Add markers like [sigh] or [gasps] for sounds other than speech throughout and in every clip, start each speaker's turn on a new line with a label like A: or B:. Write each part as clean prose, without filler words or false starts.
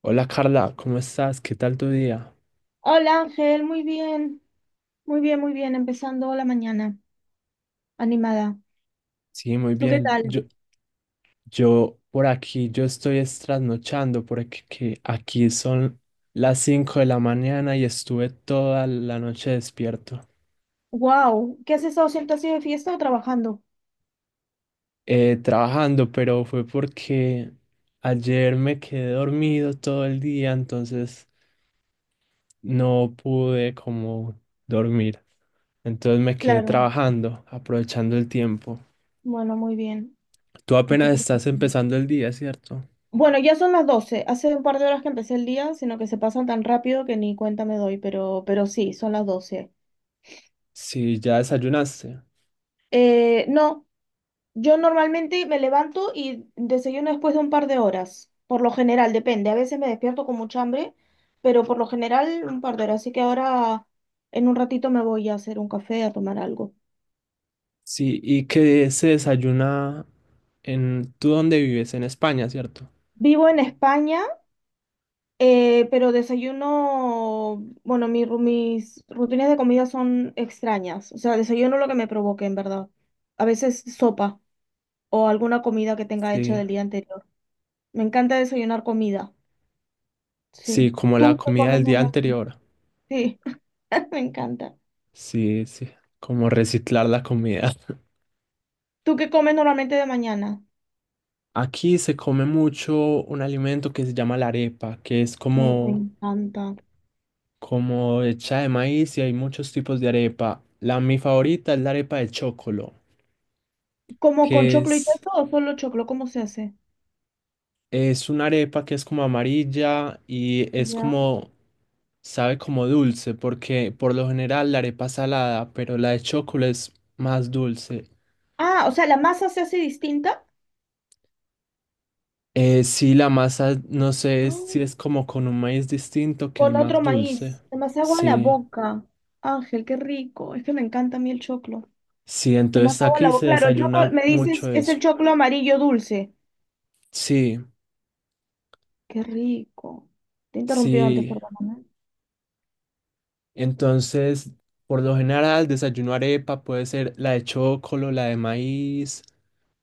A: Hola Carla, ¿cómo estás? ¿Qué tal tu día?
B: Hola Ángel, muy bien, muy bien, muy bien, empezando la mañana, animada.
A: Sí, muy
B: ¿Tú qué
A: bien. Yo,
B: tal?
A: yo por aquí, yo estoy es trasnochando porque que aquí son las 5 de la mañana y estuve toda la noche despierto,
B: Wow, ¿qué has estado haciendo? ¿Has sido de fiesta o trabajando?
A: trabajando, pero fue porque ayer me quedé dormido todo el día, entonces no pude como dormir. Entonces me quedé
B: Claro,
A: trabajando, aprovechando el tiempo.
B: bueno, muy bien,
A: Tú
B: hay que
A: apenas
B: aprovechar.
A: estás empezando el día, ¿cierto?
B: Bueno, ya son las 12. Hace un par de horas que empecé el día, sino que se pasan tan rápido que ni cuenta me doy, pero sí, son las 12.
A: Sí, ya desayunaste.
B: No, yo normalmente me levanto y desayuno después de un par de horas, por lo general, depende. A veces me despierto con mucha hambre, pero por lo general un par de horas. Así que ahora en un ratito me voy a hacer un café, a tomar algo.
A: Sí, ¿y que se desayuna en... ¿Tú dónde vives? En España, ¿cierto?
B: Vivo en España, pero desayuno, bueno, mis rutinas de comida son extrañas. O sea, desayuno lo que me provoque, en verdad. A veces sopa o alguna comida que tenga hecha
A: Sí,
B: del día anterior. Me encanta desayunar comida.
A: sí,
B: Sí.
A: como la
B: ¿Tú qué
A: comida del
B: comes
A: día
B: normalmente?
A: anterior.
B: Sí. [laughs] Me encanta.
A: Sí, sí, como reciclar la comida.
B: ¿Tú qué comes normalmente de mañana?
A: [laughs] Aquí se come mucho un alimento que se llama la arepa, que es
B: Me
A: como,
B: encanta.
A: como hecha de maíz y hay muchos tipos de arepa. La mi favorita es la arepa de chocolo,
B: ¿Como con
A: que
B: choclo y
A: es...
B: queso o solo choclo? ¿Cómo se hace?
A: Es una arepa que es como amarilla y es
B: Ya.
A: como, sabe como dulce, porque por lo general la arepa es salada, pero la de chocolate es más dulce.
B: Ah, o sea, la masa se hace distinta.
A: Sí, la masa, no
B: [gasps]
A: sé
B: Ah,
A: si es como con un maíz distinto que es
B: con otro
A: más dulce.
B: maíz. Se me hace agua en la
A: Sí,
B: boca. Ángel, qué rico. Es que me encanta a mí el choclo.
A: sí,
B: Se me hace
A: entonces
B: agua en la
A: aquí
B: boca.
A: se
B: Claro, el choclo,
A: desayuna
B: me
A: mucho
B: dices, es el
A: eso.
B: choclo amarillo dulce.
A: Sí,
B: Qué rico. Te he interrumpido antes,
A: sí.
B: perdóname.
A: Entonces, por lo general, desayuno arepa, puede ser la de chocolate, la de maíz,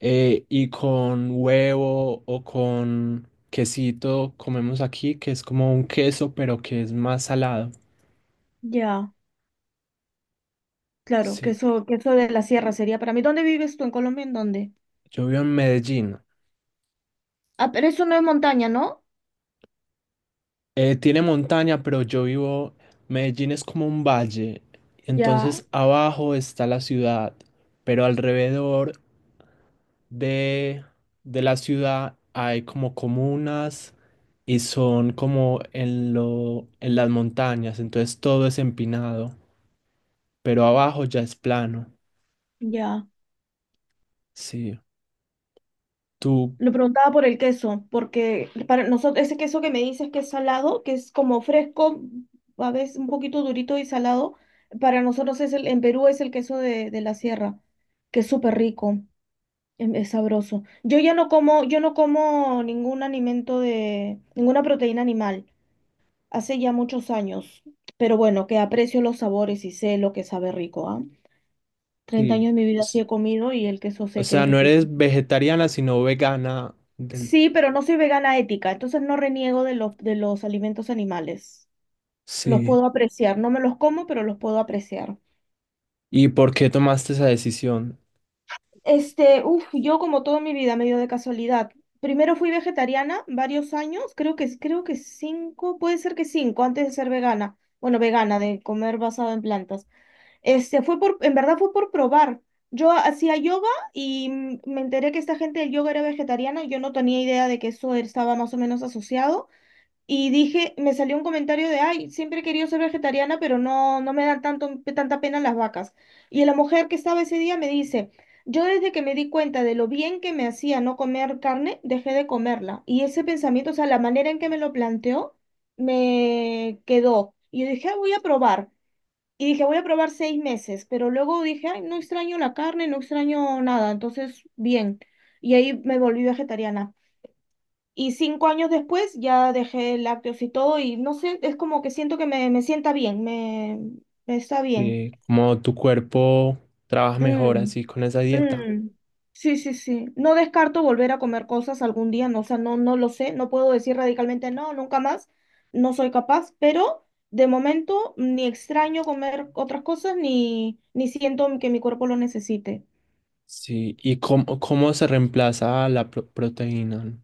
A: y con huevo o con quesito comemos aquí, que es como un queso, pero que es más salado.
B: Ya, claro,
A: Sí,
B: queso, queso de la sierra sería para mí. ¿Dónde vives tú? ¿En Colombia? ¿En dónde?
A: yo vivo en Medellín.
B: Ah, pero eso no es montaña, ¿no?
A: Tiene montaña, pero yo vivo, Medellín es como un valle,
B: Ya,
A: entonces abajo está la ciudad, pero alrededor de, de la ciudad hay como comunas y son como en lo, en las montañas, entonces todo es empinado. Pero abajo ya es plano.
B: ya.
A: Sí, tú,
B: Lo preguntaba por el queso, porque para nosotros ese queso que me dices que es salado, que es como fresco, a veces un poquito durito y salado, para nosotros es el, en Perú es el queso de la sierra, que es súper rico, es, sabroso. Yo ya no como, yo no como ningún alimento de, ninguna proteína animal, hace ya muchos años, pero bueno, que aprecio los sabores y sé lo que sabe rico, ¿ah? 30 años
A: sí,
B: de mi vida sí
A: s-
B: he comido y el queso
A: o
B: sé que
A: sea,
B: es
A: no
B: riquísimo.
A: eres vegetariana, sino vegana del...
B: Sí, pero no soy vegana ética, entonces no reniego de los alimentos animales. Los
A: Sí.
B: puedo apreciar, no me los como, pero los puedo apreciar.
A: ¿Y por qué tomaste esa decisión?
B: Este, uff, yo como toda mi vida, medio de casualidad. Primero fui vegetariana varios años, creo que cinco, puede ser que cinco, antes de ser vegana. Bueno, vegana, de comer basado en plantas. Este, fue por, en verdad fue por probar. Yo hacía yoga y me enteré que esta gente del yoga era vegetariana y yo no tenía idea de que eso estaba más o menos asociado. Y dije, me salió un comentario de, ay, siempre he querido ser vegetariana, pero no me dan tanto, tanta pena las vacas. Y la mujer que estaba ese día me dice, yo desde que me di cuenta de lo bien que me hacía no comer carne, dejé de comerla. Y ese pensamiento, o sea, la manera en que me lo planteó, me quedó. Y yo dije, "Ah, voy a probar". Y dije, voy a probar 6 meses, pero luego dije, ay, no extraño la carne, no extraño nada, entonces, bien. Y ahí me volví vegetariana. Y 5 años después ya dejé lácteos y todo y no sé, es como que siento que me sienta bien, me está bien.
A: Sí, cómo tu cuerpo trabaja mejor
B: Mm,
A: así con esa dieta.
B: mm. Sí, sí, sí. No descarto volver a comer cosas algún día, no, o sea, no, no lo sé, no puedo decir radicalmente no, nunca más, no soy capaz, pero de momento ni extraño comer otras cosas ni, ni siento que mi cuerpo lo necesite.
A: Sí, ¿y cómo, cómo se reemplaza la proteína?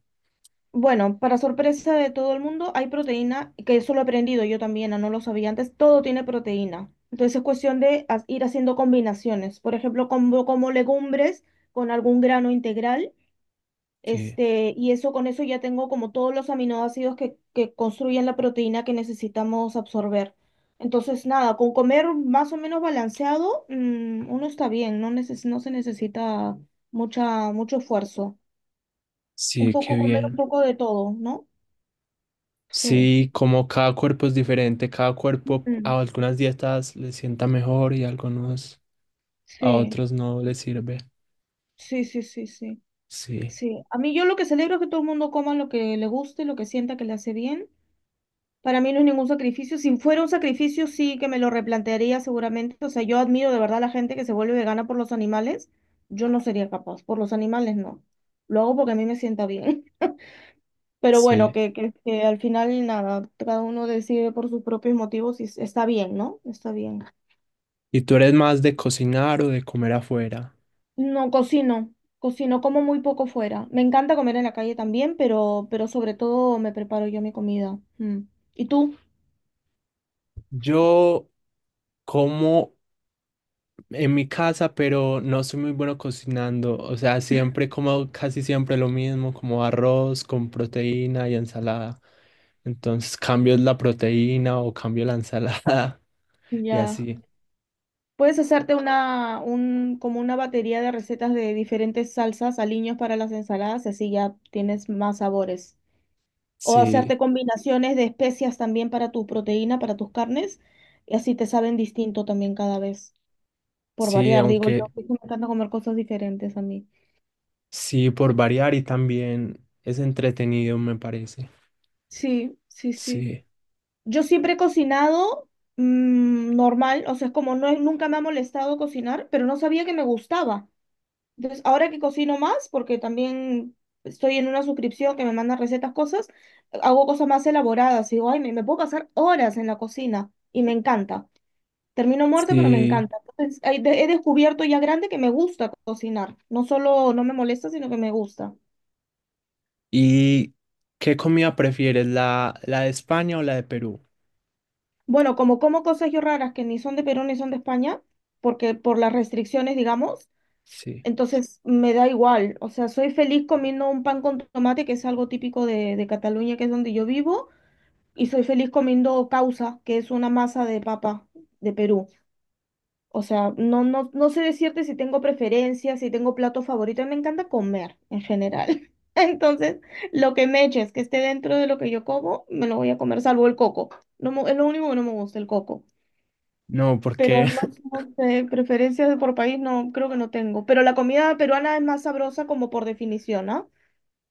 B: Bueno, para sorpresa de todo el mundo, hay proteína, que eso lo he aprendido yo también, no lo sabía antes, todo tiene proteína. Entonces es cuestión de ir haciendo combinaciones. Por ejemplo, como, como legumbres con algún grano integral,
A: Sí,
B: este, y eso con eso ya tengo como todos los aminoácidos que construyen la proteína que necesitamos absorber. Entonces, nada, con comer más o menos balanceado, uno está bien, no se necesita mucha, mucho esfuerzo. Un
A: sí, qué
B: poco comer, un
A: bien.
B: poco de todo, ¿no? Sí.
A: Sí, como cada cuerpo es diferente, cada cuerpo
B: Mm,
A: a algunas dietas le sienta mejor y a algunos a
B: sí,
A: otros no le sirve.
B: sí, sí, sí, sí,
A: Sí.
B: sí. A mí yo lo que celebro es que todo el mundo coma lo que le guste, lo que sienta que le hace bien. Para mí no es ningún sacrificio. Si fuera un sacrificio, sí que me lo replantearía seguramente. O sea, yo admiro de verdad a la gente que se vuelve vegana por los animales. Yo no sería capaz. Por los animales no. Lo hago porque a mí me sienta bien. [laughs] Pero bueno,
A: Sí.
B: que al final nada, cada uno decide por sus propios motivos y está bien, ¿no? Está bien.
A: ¿Y tú eres más de cocinar o de comer afuera?
B: No cocino, cocino como muy poco fuera. Me encanta comer en la calle también, pero sobre todo me preparo yo mi comida. Mm. ¿Y tú?
A: Yo como en mi casa, pero no soy muy bueno cocinando. O sea, siempre como casi siempre lo mismo, como arroz con proteína y ensalada. Entonces cambio la proteína o cambio la ensalada [laughs] y
B: Ya.
A: así.
B: Puedes hacerte como una batería de recetas de diferentes salsas, aliños para las ensaladas, y así ya tienes más sabores. O
A: Sí,
B: hacerte combinaciones de especias también para tu proteína, para tus carnes, y así te saben distinto también cada vez, por
A: sí,
B: variar, digo yo,
A: aunque
B: porque me encanta comer cosas diferentes a mí.
A: sí, por variar y también es entretenido, me parece.
B: Sí, sí, sí.
A: Sí,
B: Yo siempre he cocinado normal, o sea, es como no, nunca me ha molestado cocinar, pero no sabía que me gustaba. Entonces, ahora que cocino más, porque también estoy en una suscripción que me manda recetas, cosas, hago cosas más elaboradas. Y digo, ay, me puedo pasar horas en la cocina y me encanta. Termino muerta, pero me
A: sí.
B: encanta. Entonces, he descubierto ya grande que me gusta cocinar. No solo no me molesta, sino que me gusta.
A: ¿Y qué comida prefieres, la de España o la de Perú?
B: Bueno, como como cosas yo raras que ni son de Perú ni son de España, porque por las restricciones, digamos.
A: Sí.
B: Entonces me da igual, o sea, soy feliz comiendo un pan con tomate, que es algo típico de Cataluña, que es donde yo vivo, y soy feliz comiendo causa, que es una masa de papa de Perú. O sea, no, no, no sé decirte si tengo preferencias, si tengo plato favorito, me encanta comer en general. [laughs] Entonces, lo que me eches, que esté dentro de lo que yo como, me lo voy a comer, salvo el coco. No, es lo único que no me gusta, el coco.
A: No,
B: Pero
A: porque
B: no, sé,
A: [laughs]
B: no sé, preferencias por país no, creo que no tengo. Pero la comida peruana es más sabrosa como por definición, ¿ah?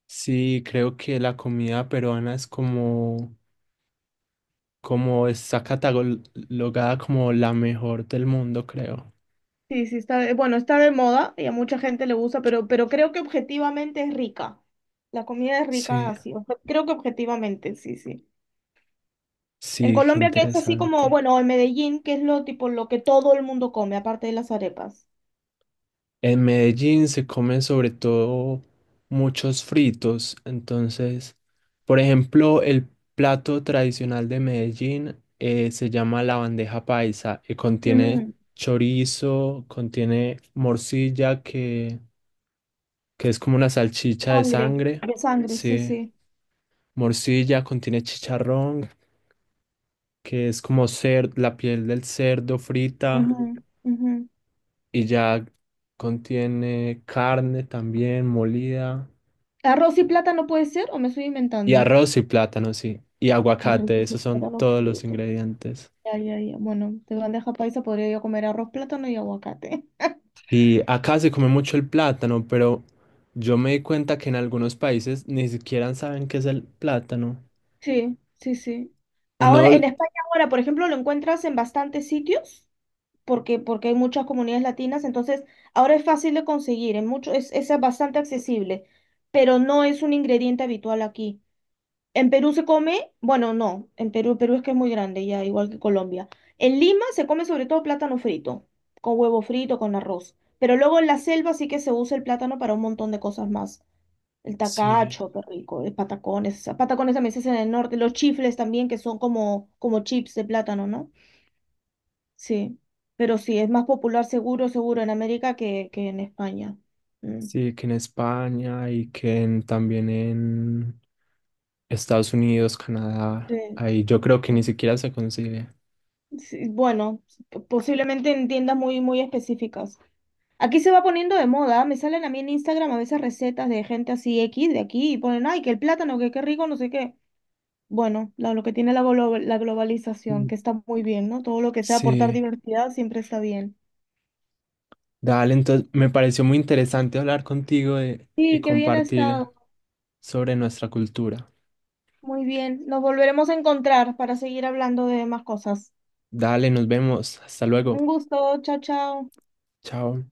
A: sí, creo que la comida peruana es como, como está catalogada como la mejor del mundo, creo.
B: Sí, sí, está de, bueno, está de moda y a mucha gente le gusta, pero creo que objetivamente es rica. La comida es rica
A: Sí,
B: así, o sea, creo que objetivamente, sí, sí. En
A: sí, qué
B: Colombia que es así como,
A: interesante.
B: bueno, en Medellín, que es lo tipo lo que todo el mundo come, aparte de las arepas.
A: En Medellín se comen sobre todo muchos fritos, entonces, por ejemplo, el plato tradicional de Medellín, se llama la bandeja paisa y contiene
B: Ujú.
A: chorizo, contiene morcilla, que es como una salchicha de
B: Sangre,
A: sangre,
B: de sangre, sí,
A: sí,
B: sí.
A: morcilla, contiene chicharrón, que es como la piel del cerdo
B: Ujú,
A: frita
B: ujú.
A: y ya contiene carne también molida.
B: ¿Arroz y plátano puede ser o me estoy
A: Y
B: inventando?
A: arroz y plátano, sí. Y
B: Qué
A: aguacate,
B: rico ese
A: esos son
B: plátano
A: todos los
B: frito.
A: ingredientes.
B: Ya, ya, ya. Bueno, de bandeja paisa podría yo comer arroz, plátano y aguacate. [laughs]
A: Y acá se come mucho el plátano, pero yo me di cuenta que en algunos países ni siquiera saben qué es el plátano.
B: Sí, sí, sí.
A: Uno,
B: Ahora, en España ahora, por ejemplo, lo encuentras en bastantes sitios, porque hay muchas comunidades latinas, entonces ahora es fácil de conseguir, en mucho, es bastante accesible, pero no es un ingrediente habitual aquí. En Perú se come, bueno, no, en Perú, Perú es que es muy grande, ya, igual que Colombia. En Lima se come sobre todo plátano frito, con huevo frito, con arroz. Pero luego en la selva sí que se usa el plátano para un montón de cosas más. El
A: sí,
B: tacacho, qué rico. El patacones. Ah, Patacones también se hacen en el norte. Los chifles también, que son como, como chips de plátano, ¿no? Sí. Pero sí, es más popular seguro, seguro en América que en España. Mm.
A: sí, que en España y que también en Estados Unidos, Canadá,
B: Sí,
A: ahí yo creo que ni
B: sí.
A: siquiera se concibe.
B: Sí, bueno, posiblemente en tiendas muy, muy específicas. Aquí se va poniendo de moda. Me salen a mí en Instagram a veces recetas de gente así X de aquí y ponen, ay, que el plátano, que qué rico, no sé qué. Bueno, lo que tiene la, la globalización,
A: Mm.
B: que está muy bien, ¿no? Todo lo que sea aportar
A: Sí,
B: diversidad siempre está bien.
A: dale, entonces me pareció muy interesante hablar contigo y
B: Sí, qué bien ha
A: compartir
B: estado.
A: sobre nuestra cultura.
B: Muy bien. Nos volveremos a encontrar para seguir hablando de más cosas.
A: Dale, nos vemos. Hasta luego.
B: Un gusto. Chao, chao.
A: Chao.